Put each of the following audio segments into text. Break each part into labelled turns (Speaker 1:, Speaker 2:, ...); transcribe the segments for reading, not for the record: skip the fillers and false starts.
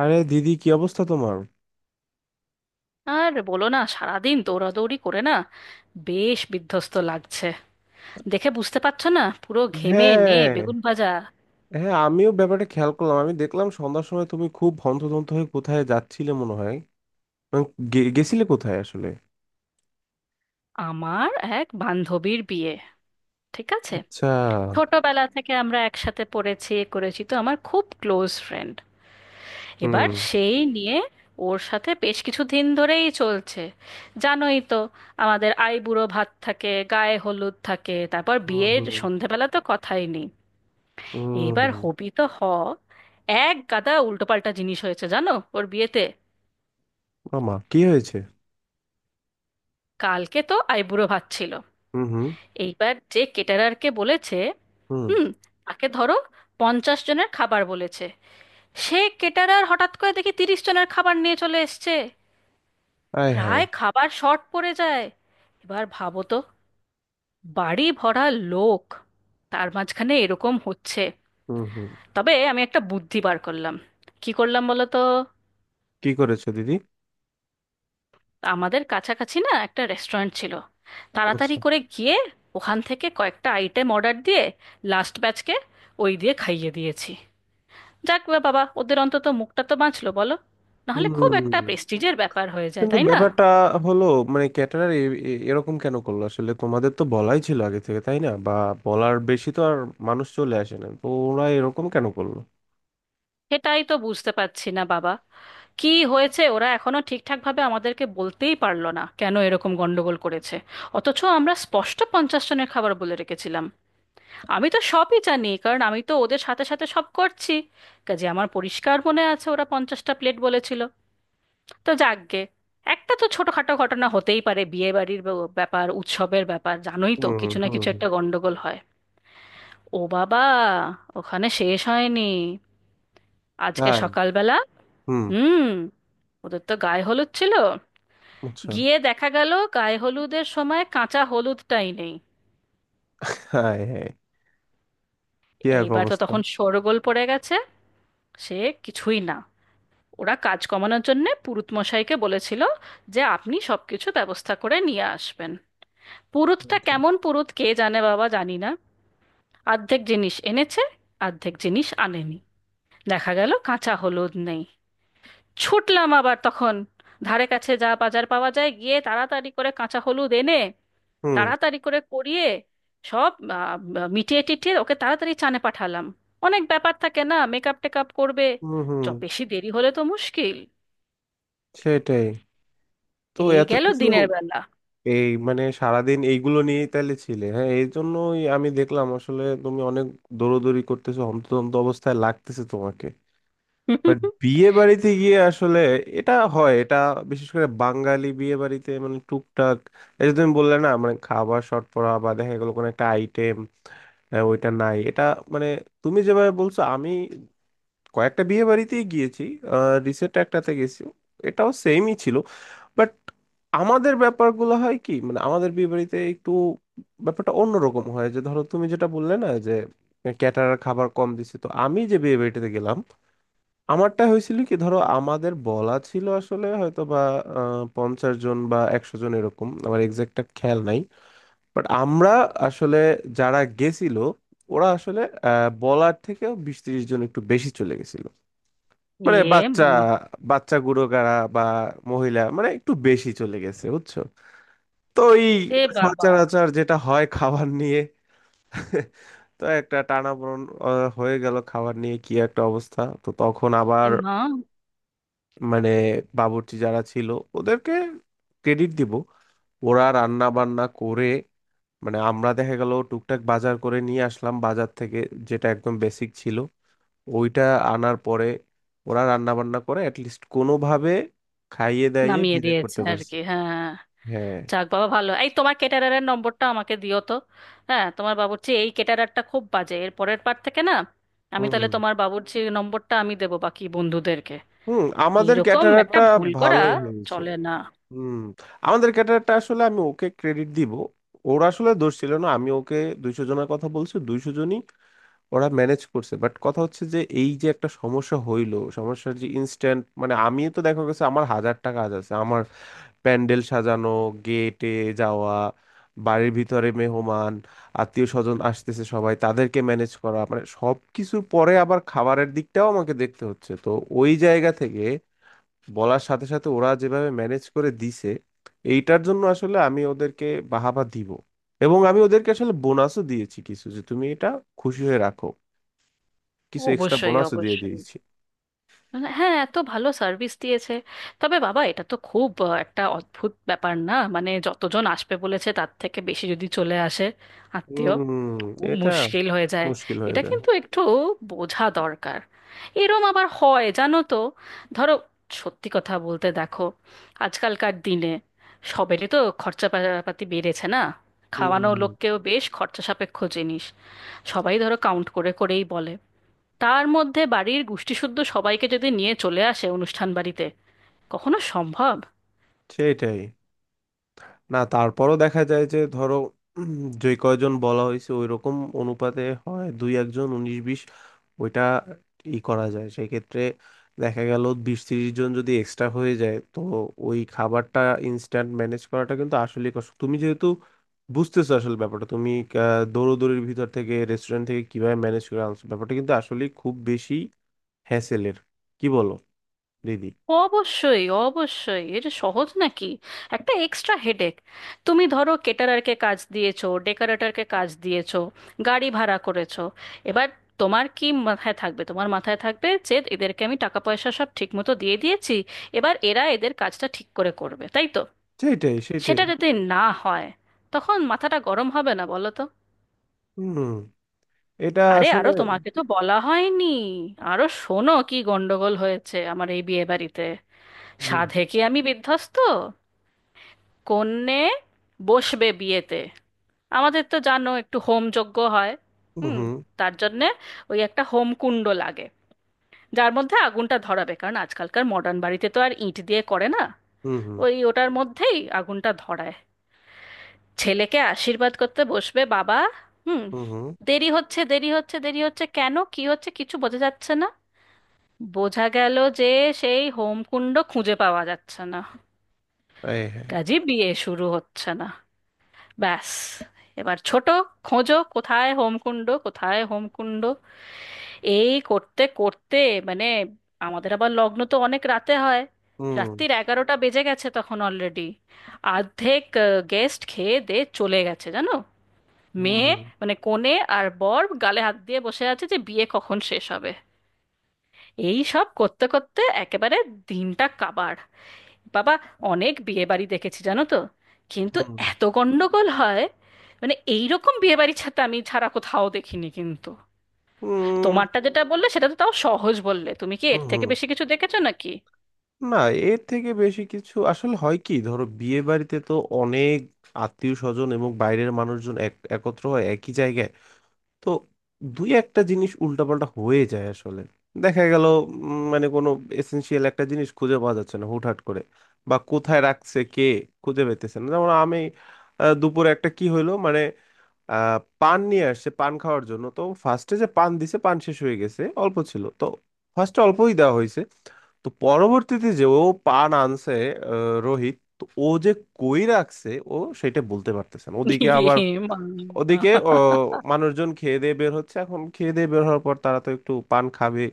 Speaker 1: আরে দিদি, কি অবস্থা তোমার?
Speaker 2: আর বলো না, সারাদিন দৌড়াদৌড়ি করে না, বেশ বিধ্বস্ত লাগছে। দেখে বুঝতে পারছো না, পুরো ঘেমে নে
Speaker 1: হ্যাঁ।
Speaker 2: বেগুন ভাজা।
Speaker 1: হ্যাঁ, আমিও ব্যাপারটা খেয়াল করলাম। আমি দেখলাম সন্ধ্যার সময় তুমি খুব হন্তদন্ত হয়ে কোথায় যাচ্ছিলে মনে হয়। মানে, গেছিলে কোথায় আসলে?
Speaker 2: আমার এক বান্ধবীর বিয়ে। ঠিক আছে,
Speaker 1: আচ্ছা।
Speaker 2: ছোটবেলা থেকে আমরা একসাথে পড়েছি, এ করেছি, তো আমার খুব ক্লোজ ফ্রেন্ড। এবার
Speaker 1: হুম।
Speaker 2: সেই নিয়ে ওর সাথে বেশ কিছু দিন ধরেই চলছে। জানোই তো, আমাদের আইবুড়ো ভাত থাকে, গায়ে হলুদ থাকে, তারপর
Speaker 1: হুম।
Speaker 2: বিয়ের
Speaker 1: হুম।
Speaker 2: সন্ধেবেলা তো কথাই নেই। এইবার
Speaker 1: হুম।
Speaker 2: হবি তো হ, এক গাদা উল্টোপাল্টা জিনিস হয়েছে জানো ওর বিয়েতে।
Speaker 1: মামা কি হয়েছে?
Speaker 2: কালকে তো আইবুড়ো ভাত ছিল।
Speaker 1: হুম। হুম।
Speaker 2: এইবার যে কেটারারকে বলেছে,
Speaker 1: হুম।
Speaker 2: হুম, তাকে ধরো 50 জনের খাবার বলেছে। সে কেটারার হঠাৎ করে দেখি 30 জনের খাবার নিয়ে চলে এসছে।
Speaker 1: আয় হায়।
Speaker 2: প্রায় খাবার শর্ট পড়ে যায়। এবার ভাবো তো, বাড়ি ভরা লোক, তার মাঝখানে এরকম হচ্ছে।
Speaker 1: হুম। হুম।
Speaker 2: তবে আমি একটা বুদ্ধি বার করলাম। কি করলাম বলো তো?
Speaker 1: কি করেছো দিদি?
Speaker 2: আমাদের কাছাকাছি না একটা রেস্টুরেন্ট ছিল, তাড়াতাড়ি
Speaker 1: আচ্ছা।
Speaker 2: করে গিয়ে ওখান থেকে কয়েকটা আইটেম অর্ডার দিয়ে লাস্ট ব্যাচকে ওই দিয়ে খাইয়ে দিয়েছি। যাক বা বাবা, ওদের অন্তত মুখটা তো বাঁচলো বলো। নাহলে
Speaker 1: হুম।
Speaker 2: খুব একটা প্রেস্টিজের ব্যাপার হয়ে যায়,
Speaker 1: কিন্তু
Speaker 2: তাই না?
Speaker 1: ব্যাপারটা হলো মানে, ক্যাটারার এরকম কেন করলো আসলে? তোমাদের তো বলাই ছিল আগে থেকে, তাই না? বা বলার বেশি তো আর মানুষ চলে আসে না, তো ওরা এরকম কেন করলো?
Speaker 2: সেটাই তো বুঝতে পারছি না বাবা, কি হয়েছে। ওরা এখনো ঠিকঠাকভাবে আমাদেরকে বলতেই পারলো না কেন এরকম গন্ডগোল করেছে। অথচ আমরা স্পষ্ট 50 জনের খাবার বলে রেখেছিলাম। আমি তো সবই জানি, কারণ আমি তো ওদের সাথে সাথে সব করছি। কাজে আমার পরিষ্কার মনে আছে, ওরা 50টা প্লেট বলেছিল। তো যাকগে, একটা তো ছোটখাটো ঘটনা হতেই পারে। বিয়ে বাড়ির ব্যাপার, উৎসবের ব্যাপার, জানোই তো
Speaker 1: হুম হুম।
Speaker 2: কিছু না কিছু
Speaker 1: হুম।
Speaker 2: একটা গন্ডগোল হয়। ও বাবা, ওখানে শেষ হয়নি। আজকে
Speaker 1: তাই।
Speaker 2: সকালবেলা,
Speaker 1: হুম।
Speaker 2: হুম, ওদের তো গায়ে হলুদ ছিল।
Speaker 1: আচ্ছা।
Speaker 2: গিয়ে দেখা গেল গায়ে হলুদের সময় কাঁচা হলুদটাই নেই।
Speaker 1: হাই হাই, কি এক
Speaker 2: এইবার তো
Speaker 1: অবস্থা।
Speaker 2: তখন শোরগোল পড়ে গেছে। সে কিছুই না, ওরা কাজ কমানোর জন্যে পুরুত মশাইকে বলেছিল যে আপনি সবকিছু ব্যবস্থা করে নিয়ে আসবেন। পুরুতটা
Speaker 1: আচ্ছা।
Speaker 2: কেমন পুরুত কে জানে বাবা, জানি না। অর্ধেক জিনিস এনেছে, অর্ধেক জিনিস আনেনি। দেখা গেল কাঁচা হলুদ নেই। ছুটলাম আবার তখন, ধারে কাছে যা বাজার পাওয়া যায়, গিয়ে তাড়াতাড়ি করে কাঁচা হলুদ এনে
Speaker 1: হুম
Speaker 2: তাড়াতাড়ি করে করিয়ে সব আহ, মিটিয়ে টিটিয়ে ওকে তাড়াতাড়ি চানে পাঠালাম। অনেক ব্যাপার থাকে না, মেকআপ টেকআপ করবে,
Speaker 1: হুম। হুম।
Speaker 2: চ বেশি দেরি হলে তো মুশকিল।
Speaker 1: সেটাই। তো
Speaker 2: এই
Speaker 1: এত
Speaker 2: গেল
Speaker 1: কিছু!
Speaker 2: দিনের বেলা।
Speaker 1: এই, মানে সারাদিন এইগুলো নিয়েই তাহলে ছিলে, হ্যাঁ। এই জন্যই আমি দেখলাম, আসলে তুমি অনেক দৌড়দৌড়ি করতেছো, হন্তদন্ত অবস্থায় লাগতেছে তোমাকে।
Speaker 2: এ
Speaker 1: বাট বিয়ে বাড়িতে গিয়ে আসলে এটা হয়, এটা বিশেষ করে বাঙালি বিয়ে বাড়িতে, মানে টুকটাক। এই যে তুমি বললে না, মানে খাবার শর্ট পড়া বা দেখা গেলো কোনো একটা আইটেম ওইটা নাই, এটা মানে তুমি যেভাবে বলছো, আমি কয়েকটা বিয়ে বাড়িতেই গিয়েছি। রিসেন্ট একটাতে গেছি, এটাও সেমই ছিল। বাট আমাদের ব্যাপারগুলো হয় কি, মানে আমাদের বিয়ে বাড়িতে একটু ব্যাপারটা অন্যরকম হয়। যে ধরো, তুমি যেটা বললে না যে ক্যাটারার খাবার কম দিছে, তো আমি যে বিয়ে বাড়িটাতে গেলাম, আমারটা হয়েছিল কি, ধরো আমাদের বলা ছিল আসলে হয়তো বা 50 জন বা 100 জন এরকম, আমার এক্সাক্টটা খেয়াল নাই। বাট আমরা আসলে, যারা গেছিল, ওরা আসলে বলার থেকেও 20-30 জন একটু বেশি চলে গেছিল। মানে বাচ্চা,
Speaker 2: মা,
Speaker 1: বাচ্চা গুড়োকারা বা মহিলা, মানে একটু বেশি চলে গেছে বুঝছো। তো এই
Speaker 2: এ বাবা,
Speaker 1: সচরাচর যেটা হয় খাবার নিয়ে তো একটা টানাপোড়েন হয়ে গেল খাবার নিয়ে, কি একটা অবস্থা। তো তখন
Speaker 2: এ
Speaker 1: আবার
Speaker 2: মা,
Speaker 1: মানে বাবুর্চি যারা ছিল, ওদেরকে ক্রেডিট দিব। ওরা রান্না বান্না করে, মানে আমরা দেখা গেল টুকটাক বাজার করে নিয়ে আসলাম বাজার থেকে, যেটা একদম বেসিক ছিল ওইটা আনার পরে ওরা রান্না বান্না করে অ্যাটলিস্ট কোনোভাবে খাইয়ে দাইয়ে
Speaker 2: নামিয়ে
Speaker 1: বিদায়
Speaker 2: দিয়েছে
Speaker 1: করতে
Speaker 2: আর
Speaker 1: পারছে।
Speaker 2: কি, হ্যাঁ।
Speaker 1: হ্যাঁ।
Speaker 2: যাক বাবা, ভালো। এই, তোমার ক্যাটারারের নম্বরটা আমাকে দিও তো। হ্যাঁ, তোমার বাবুর্চি, এই ক্যাটারারটা খুব বাজে, এর পরের বার থেকে না আমি
Speaker 1: হুম
Speaker 2: তাহলে
Speaker 1: হুম।
Speaker 2: তোমার বাবুর্চি নম্বরটা আমি দেবো বাকি বন্ধুদেরকে।
Speaker 1: হুম, আমাদের
Speaker 2: এইরকম একটা
Speaker 1: ক্যাটারারটা
Speaker 2: ভুল করা
Speaker 1: ভালোই হয়েছে।
Speaker 2: চলে না।
Speaker 1: হুম। আমাদের ক্যাটারারটা, আসলে আমি ওকে ক্রেডিট দিব। ওর আসলে দোষ ছিল না, আমি ওকে 200 জনের কথা বলছি, 200 জনই ওরা ম্যানেজ করছে। বাট কথা হচ্ছে যে, এই যে একটা সমস্যা হইলো, সমস্যার যে ইনস্ট্যান্ট, মানে আমি তো দেখা গেছে আমার হাজারটা কাজ আছে। আমার প্যান্ডেল সাজানো, গেটে যাওয়া, বাড়ির ভিতরে মেহমান আত্মীয় স্বজন আসতেছে সবাই, তাদেরকে ম্যানেজ করা, মানে সব কিছুর পরে আবার খাবারের দিকটাও আমাকে দেখতে হচ্ছে। তো ওই জায়গা থেকে বলার সাথে সাথে ওরা যেভাবে ম্যানেজ করে দিছে, এইটার জন্য আসলে আমি ওদেরকে বাহাবা দিব। এবং আমি ওদেরকে আসলে বোনাসও দিয়েছি কিছু, যে তুমি এটা খুশি হয়ে রাখো, কিছু এক্সট্রা
Speaker 2: অবশ্যই
Speaker 1: বোনাসও দিয়ে
Speaker 2: অবশ্যই,
Speaker 1: দিয়েছি।
Speaker 2: হ্যাঁ, এত ভালো সার্ভিস দিয়েছে। তবে বাবা, এটা তো খুব একটা অদ্ভুত ব্যাপার না? মানে যতজন আসবে বলেছে তার থেকে বেশি যদি চলে আসে আত্মীয়,
Speaker 1: হুম।
Speaker 2: খুব
Speaker 1: এটা
Speaker 2: মুশকিল হয়ে যায়।
Speaker 1: মুশকিল হয়ে
Speaker 2: এটা
Speaker 1: যায়।
Speaker 2: কিন্তু একটু বোঝা দরকার। এরম আবার হয় জানো তো, ধরো সত্যি কথা বলতে দেখো, আজকালকার দিনে সবেরই তো খরচাপাতি বেড়েছে না, খাওয়ানো
Speaker 1: হুম।
Speaker 2: লোককেও বেশ খরচা সাপেক্ষ জিনিস। সবাই ধরো কাউন্ট করে করেই বলে। তার মধ্যে বাড়ির গোষ্ঠীসুদ্ধ সবাইকে যদি নিয়ে চলে আসে অনুষ্ঠান বাড়িতে, কখনো সম্ভব?
Speaker 1: সেটাই। না তারপরও দেখা যায় যে, ধরো উম, যে কয়জন বলা হয়েছে ওই রকম অনুপাতে হয় দুই একজন 19-20, ওইটা ই করা যায় সেক্ষেত্রে। দেখা গেল 20-30 জন যদি এক্সট্রা হয়ে যায়, তো ওই খাবারটা ইনস্ট্যান্ট ম্যানেজ করাটা কিন্তু আসলে কষ্ট। তুমি যেহেতু বুঝতেছো আসলে ব্যাপারটা, তুমি দৌড়োদৌড়ির ভিতর থেকে রেস্টুরেন্ট থেকে কিভাবে ম্যানেজ করে আনছো, ব্যাপারটা কিন্তু আসলে খুব বেশি হ্যাসেলের, কি বলো দিদি?
Speaker 2: অবশ্যই অবশ্যই, এটা সহজ নাকি, একটা এক্সট্রা হেডেক। তুমি ধরো কেটারারকে কাজ দিয়েছো, ডেকোরেটরকে কাজ দিয়েছো, গাড়ি ভাড়া করেছো। এবার তোমার কি মাথায় থাকবে? তোমার মাথায় থাকবে যে এদেরকে আমি টাকা পয়সা সব ঠিক মতো দিয়ে দিয়েছি, এবার এরা এদের কাজটা ঠিক করে করবে, তাই তো।
Speaker 1: সেটাই সেটাই।
Speaker 2: সেটা যদি না হয়, তখন মাথাটা গরম হবে না বলো তো?
Speaker 1: হুম। এটা
Speaker 2: আরে
Speaker 1: আসলে
Speaker 2: আরো তোমাকে তো বলা হয়নি। আরো শোনো কি গন্ডগোল হয়েছে আমার এই বিয়ে বাড়িতে।
Speaker 1: হুম
Speaker 2: সাধে কি আমি বিধ্বস্ত। কন্যে বসবে বিয়েতে, আমাদের তো জানো একটু হোম যজ্ঞ হয়।
Speaker 1: হুম
Speaker 2: হুম,
Speaker 1: হুম
Speaker 2: তার জন্যে ওই একটা হোম কুণ্ড লাগে, যার মধ্যে আগুনটা ধরাবে, কারণ আজকালকার মডার্ন বাড়িতে তো আর ইঁট দিয়ে করে না।
Speaker 1: হুম হুম
Speaker 2: ওই ওটার মধ্যেই আগুনটা ধরায়। ছেলেকে আশীর্বাদ করতে বসবে বাবা, হুম।
Speaker 1: হুম হুম।
Speaker 2: দেরি হচ্ছে, দেরি হচ্ছে, দেরি হচ্ছে, কেন কি হচ্ছে কিছু বোঝা যাচ্ছে না। বোঝা গেল যে সেই হোমকুণ্ড খুঁজে পাওয়া যাচ্ছে না।
Speaker 1: এই, হ্যাঁ।
Speaker 2: কাজী বিয়ে শুরু হচ্ছে না। ব্যাস, এবার ছোট, খোঁজো কোথায় হোমকুণ্ড, কোথায় হোমকুণ্ড। এই করতে করতে, মানে, আমাদের আবার লগ্ন তো অনেক রাতে হয়।
Speaker 1: হুম
Speaker 2: রাত্রির 11টা বেজে গেছে তখন অলরেডি। অর্ধেক গেস্ট খেয়ে দে চলে গেছে জানো।
Speaker 1: হুম
Speaker 2: মেয়ে,
Speaker 1: হুম
Speaker 2: মানে কনে, আর বর গালে হাত দিয়ে বসে আছে যে বিয়ে কখন শেষ হবে। এই সব করতে করতে একেবারে দিনটা কাবার বাবা। অনেক বিয়ে বাড়ি দেখেছি জানো তো, কিন্তু
Speaker 1: হুম
Speaker 2: এত গন্ডগোল হয় মানে এইরকম বিয়ে বাড়ি ছাড়া আমি ছাড়া কোথাও দেখিনি কিন্তু।
Speaker 1: হুম
Speaker 2: তোমারটা যেটা বললে সেটা তো তাও সহজ বললে, তুমি কি
Speaker 1: হুম
Speaker 2: এর থেকে
Speaker 1: হুম।
Speaker 2: বেশি কিছু দেখেছো নাকি?
Speaker 1: না, এর থেকে বেশি কিছু আসলে হয় কি, ধরো বিয়ে বাড়িতে তো অনেক আত্মীয় স্বজন এবং বাইরের মানুষজন একত্র হয় একই জায়গায়। তো দুই একটা জিনিস উল্টাপাল্টা হয়ে যায় আসলে, দেখা গেল মানে কোনো এসেনশিয়াল একটা জিনিস খুঁজে পাওয়া যাচ্ছে না হুটহাট করে, বা কোথায় রাখছে কে খুঁজে পেতেছে না। যেমন আমি দুপুরে একটা কি হইলো মানে, পান নিয়ে আসছে পান খাওয়ার জন্য, তো ফার্স্টে যে পান দিছে পান শেষ হয়ে গেছে, অল্প ছিল তো, ফার্স্টে অল্পই দেওয়া হয়েছে। তো পরবর্তীতে যে ও পান আনছে, রোহিত তো ও যে কই রাখছে ও সেটা বলতে পারতেছে না। ওদিকে আবার,
Speaker 2: এ মা,
Speaker 1: ওদিকে ও মানুষজন খেয়ে দিয়ে বের হচ্ছে, এখন খেয়ে দিয়ে বের হওয়ার পর তারা তো একটু পান খাবে,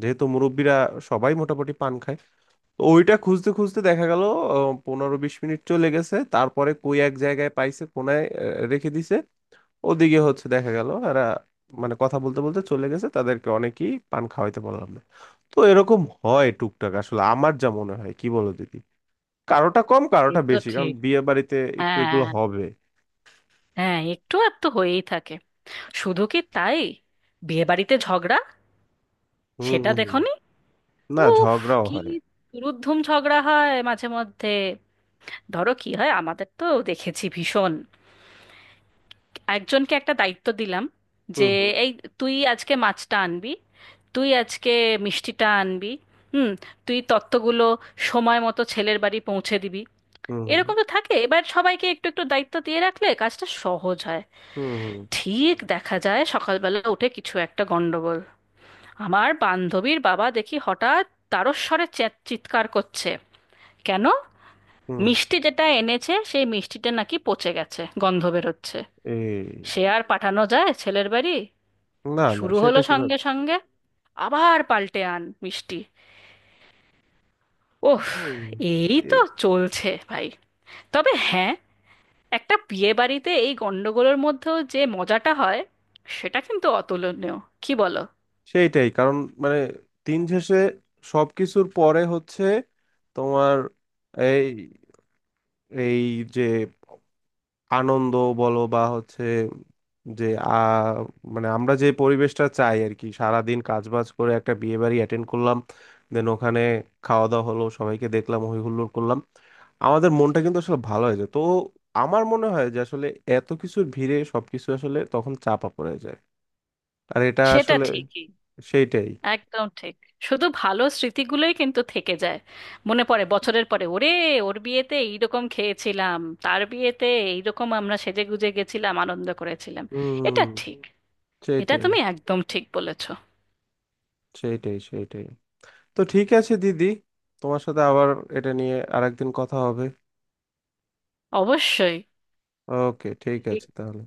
Speaker 1: যেহেতু মুরব্বীরা সবাই মোটামুটি পান খায়। তো ওইটা খুঁজতে খুঁজতে দেখা গেল 15-20 মিনিট চলে গেছে, তারপরে কই এক জায়গায় পাইছে কোনায় রেখে দিছে। ওদিকে হচ্ছে দেখা গেল এরা মানে কথা বলতে বলতে চলে গেছে, তাদেরকে অনেকেই পান খাওয়াইতে পারলাম না। তো এরকম হয় টুকটাক আসলে, আমার যা মনে হয় কি বলো দিদি, কারোটা কম
Speaker 2: এ
Speaker 1: কারোটা
Speaker 2: তো
Speaker 1: বেশি, কারণ
Speaker 2: ঠিক।
Speaker 1: বিয়ে বাড়িতে একটু এগুলো
Speaker 2: হ্যাঁ,
Speaker 1: হবে।
Speaker 2: হ্যাঁ, একটু আর তো হয়েই থাকে। শুধু কি তাই, বিয়ে বাড়িতে ঝগড়া
Speaker 1: হুম
Speaker 2: সেটা
Speaker 1: হুম।
Speaker 2: দেখোনি?
Speaker 1: না
Speaker 2: উফ,
Speaker 1: ঝগড়াও
Speaker 2: কি
Speaker 1: হয়।
Speaker 2: দুরুদ্ধুম ঝগড়া হয় মাঝে মধ্যে। ধরো কি হয়, আমাদের তো দেখেছি ভীষণ, একজনকে একটা দায়িত্ব দিলাম যে
Speaker 1: হুম হুম
Speaker 2: এই তুই আজকে মাছটা আনবি, তুই আজকে মিষ্টিটা আনবি, হুম, তুই তত্ত্বগুলো সময় মতো ছেলের বাড়ি পৌঁছে দিবি।
Speaker 1: হুম
Speaker 2: এরকম তো থাকে। এবার সবাইকে একটু একটু দায়িত্ব দিয়ে রাখলে কাজটা সহজ হয়।
Speaker 1: হুম হুম
Speaker 2: ঠিক দেখা যায় সকালবেলা উঠে কিছু একটা গন্ডগোল। আমার বান্ধবীর বাবা দেখি হঠাৎ তারস্বরে চ্যাট চিৎকার করছে। কেন?
Speaker 1: হুম।
Speaker 2: মিষ্টি যেটা এনেছে সেই মিষ্টিটা নাকি পচে গেছে, গন্ধ বেরোচ্ছে। সে
Speaker 1: এই,
Speaker 2: আর পাঠানো যায় ছেলের বাড়ি?
Speaker 1: না না
Speaker 2: শুরু
Speaker 1: সেটা
Speaker 2: হলো
Speaker 1: কিভাবে!
Speaker 2: সঙ্গে সঙ্গে, আবার পাল্টে আন মিষ্টি। ওহ,
Speaker 1: হুম।
Speaker 2: এই
Speaker 1: এ-
Speaker 2: তো চলছে ভাই। তবে হ্যাঁ, একটা বিয়ে বাড়িতে এই গন্ডগোলের মধ্যেও যে মজাটা হয়, সেটা কিন্তু অতুলনীয়, কি বলো?
Speaker 1: সেইটাই কারণ মানে, দিন শেষে সবকিছুর পরে হচ্ছে তোমার এই, এই যে আনন্দ বলো বা হচ্ছে, যে মানে আমরা যে পরিবেশটা চাই আর কি। সারাদিন কাজ বাজ করে একটা বিয়ে বাড়ি অ্যাটেন্ড করলাম, দেন ওখানে খাওয়া দাওয়া হলো, সবাইকে দেখলাম, হই হুল্লোড় করলাম, আমাদের মনটা কিন্তু আসলে ভালো হয়ে যায় তো। আমার মনে হয় যে আসলে এত কিছুর ভিড়ে সবকিছু আসলে তখন চাপা পড়ে যায়, আর এটা
Speaker 2: সেটা
Speaker 1: আসলে
Speaker 2: ঠিকই,
Speaker 1: সেইটাই।
Speaker 2: একদম ঠিক। শুধু ভালো স্মৃতিগুলোই কিন্তু থেকে যায়। মনে পড়ে বছরের পরে, ওরে ওর বিয়েতে এইরকম খেয়েছিলাম, তার বিয়েতে এইরকম আমরা সেজে গুজে গেছিলাম, আনন্দ করেছিলাম। এটা
Speaker 1: হুম।
Speaker 2: ঠিক। এটা
Speaker 1: সেইটাই
Speaker 2: তুমি একদম ঠিক বলেছো।
Speaker 1: সেইটাই। সেইটাই। তো ঠিক আছে দিদি, তোমার সাথে আবার এটা নিয়ে আরেকদিন কথা হবে।
Speaker 2: অবশ্যই।
Speaker 1: ওকে, ঠিক আছে তাহলে।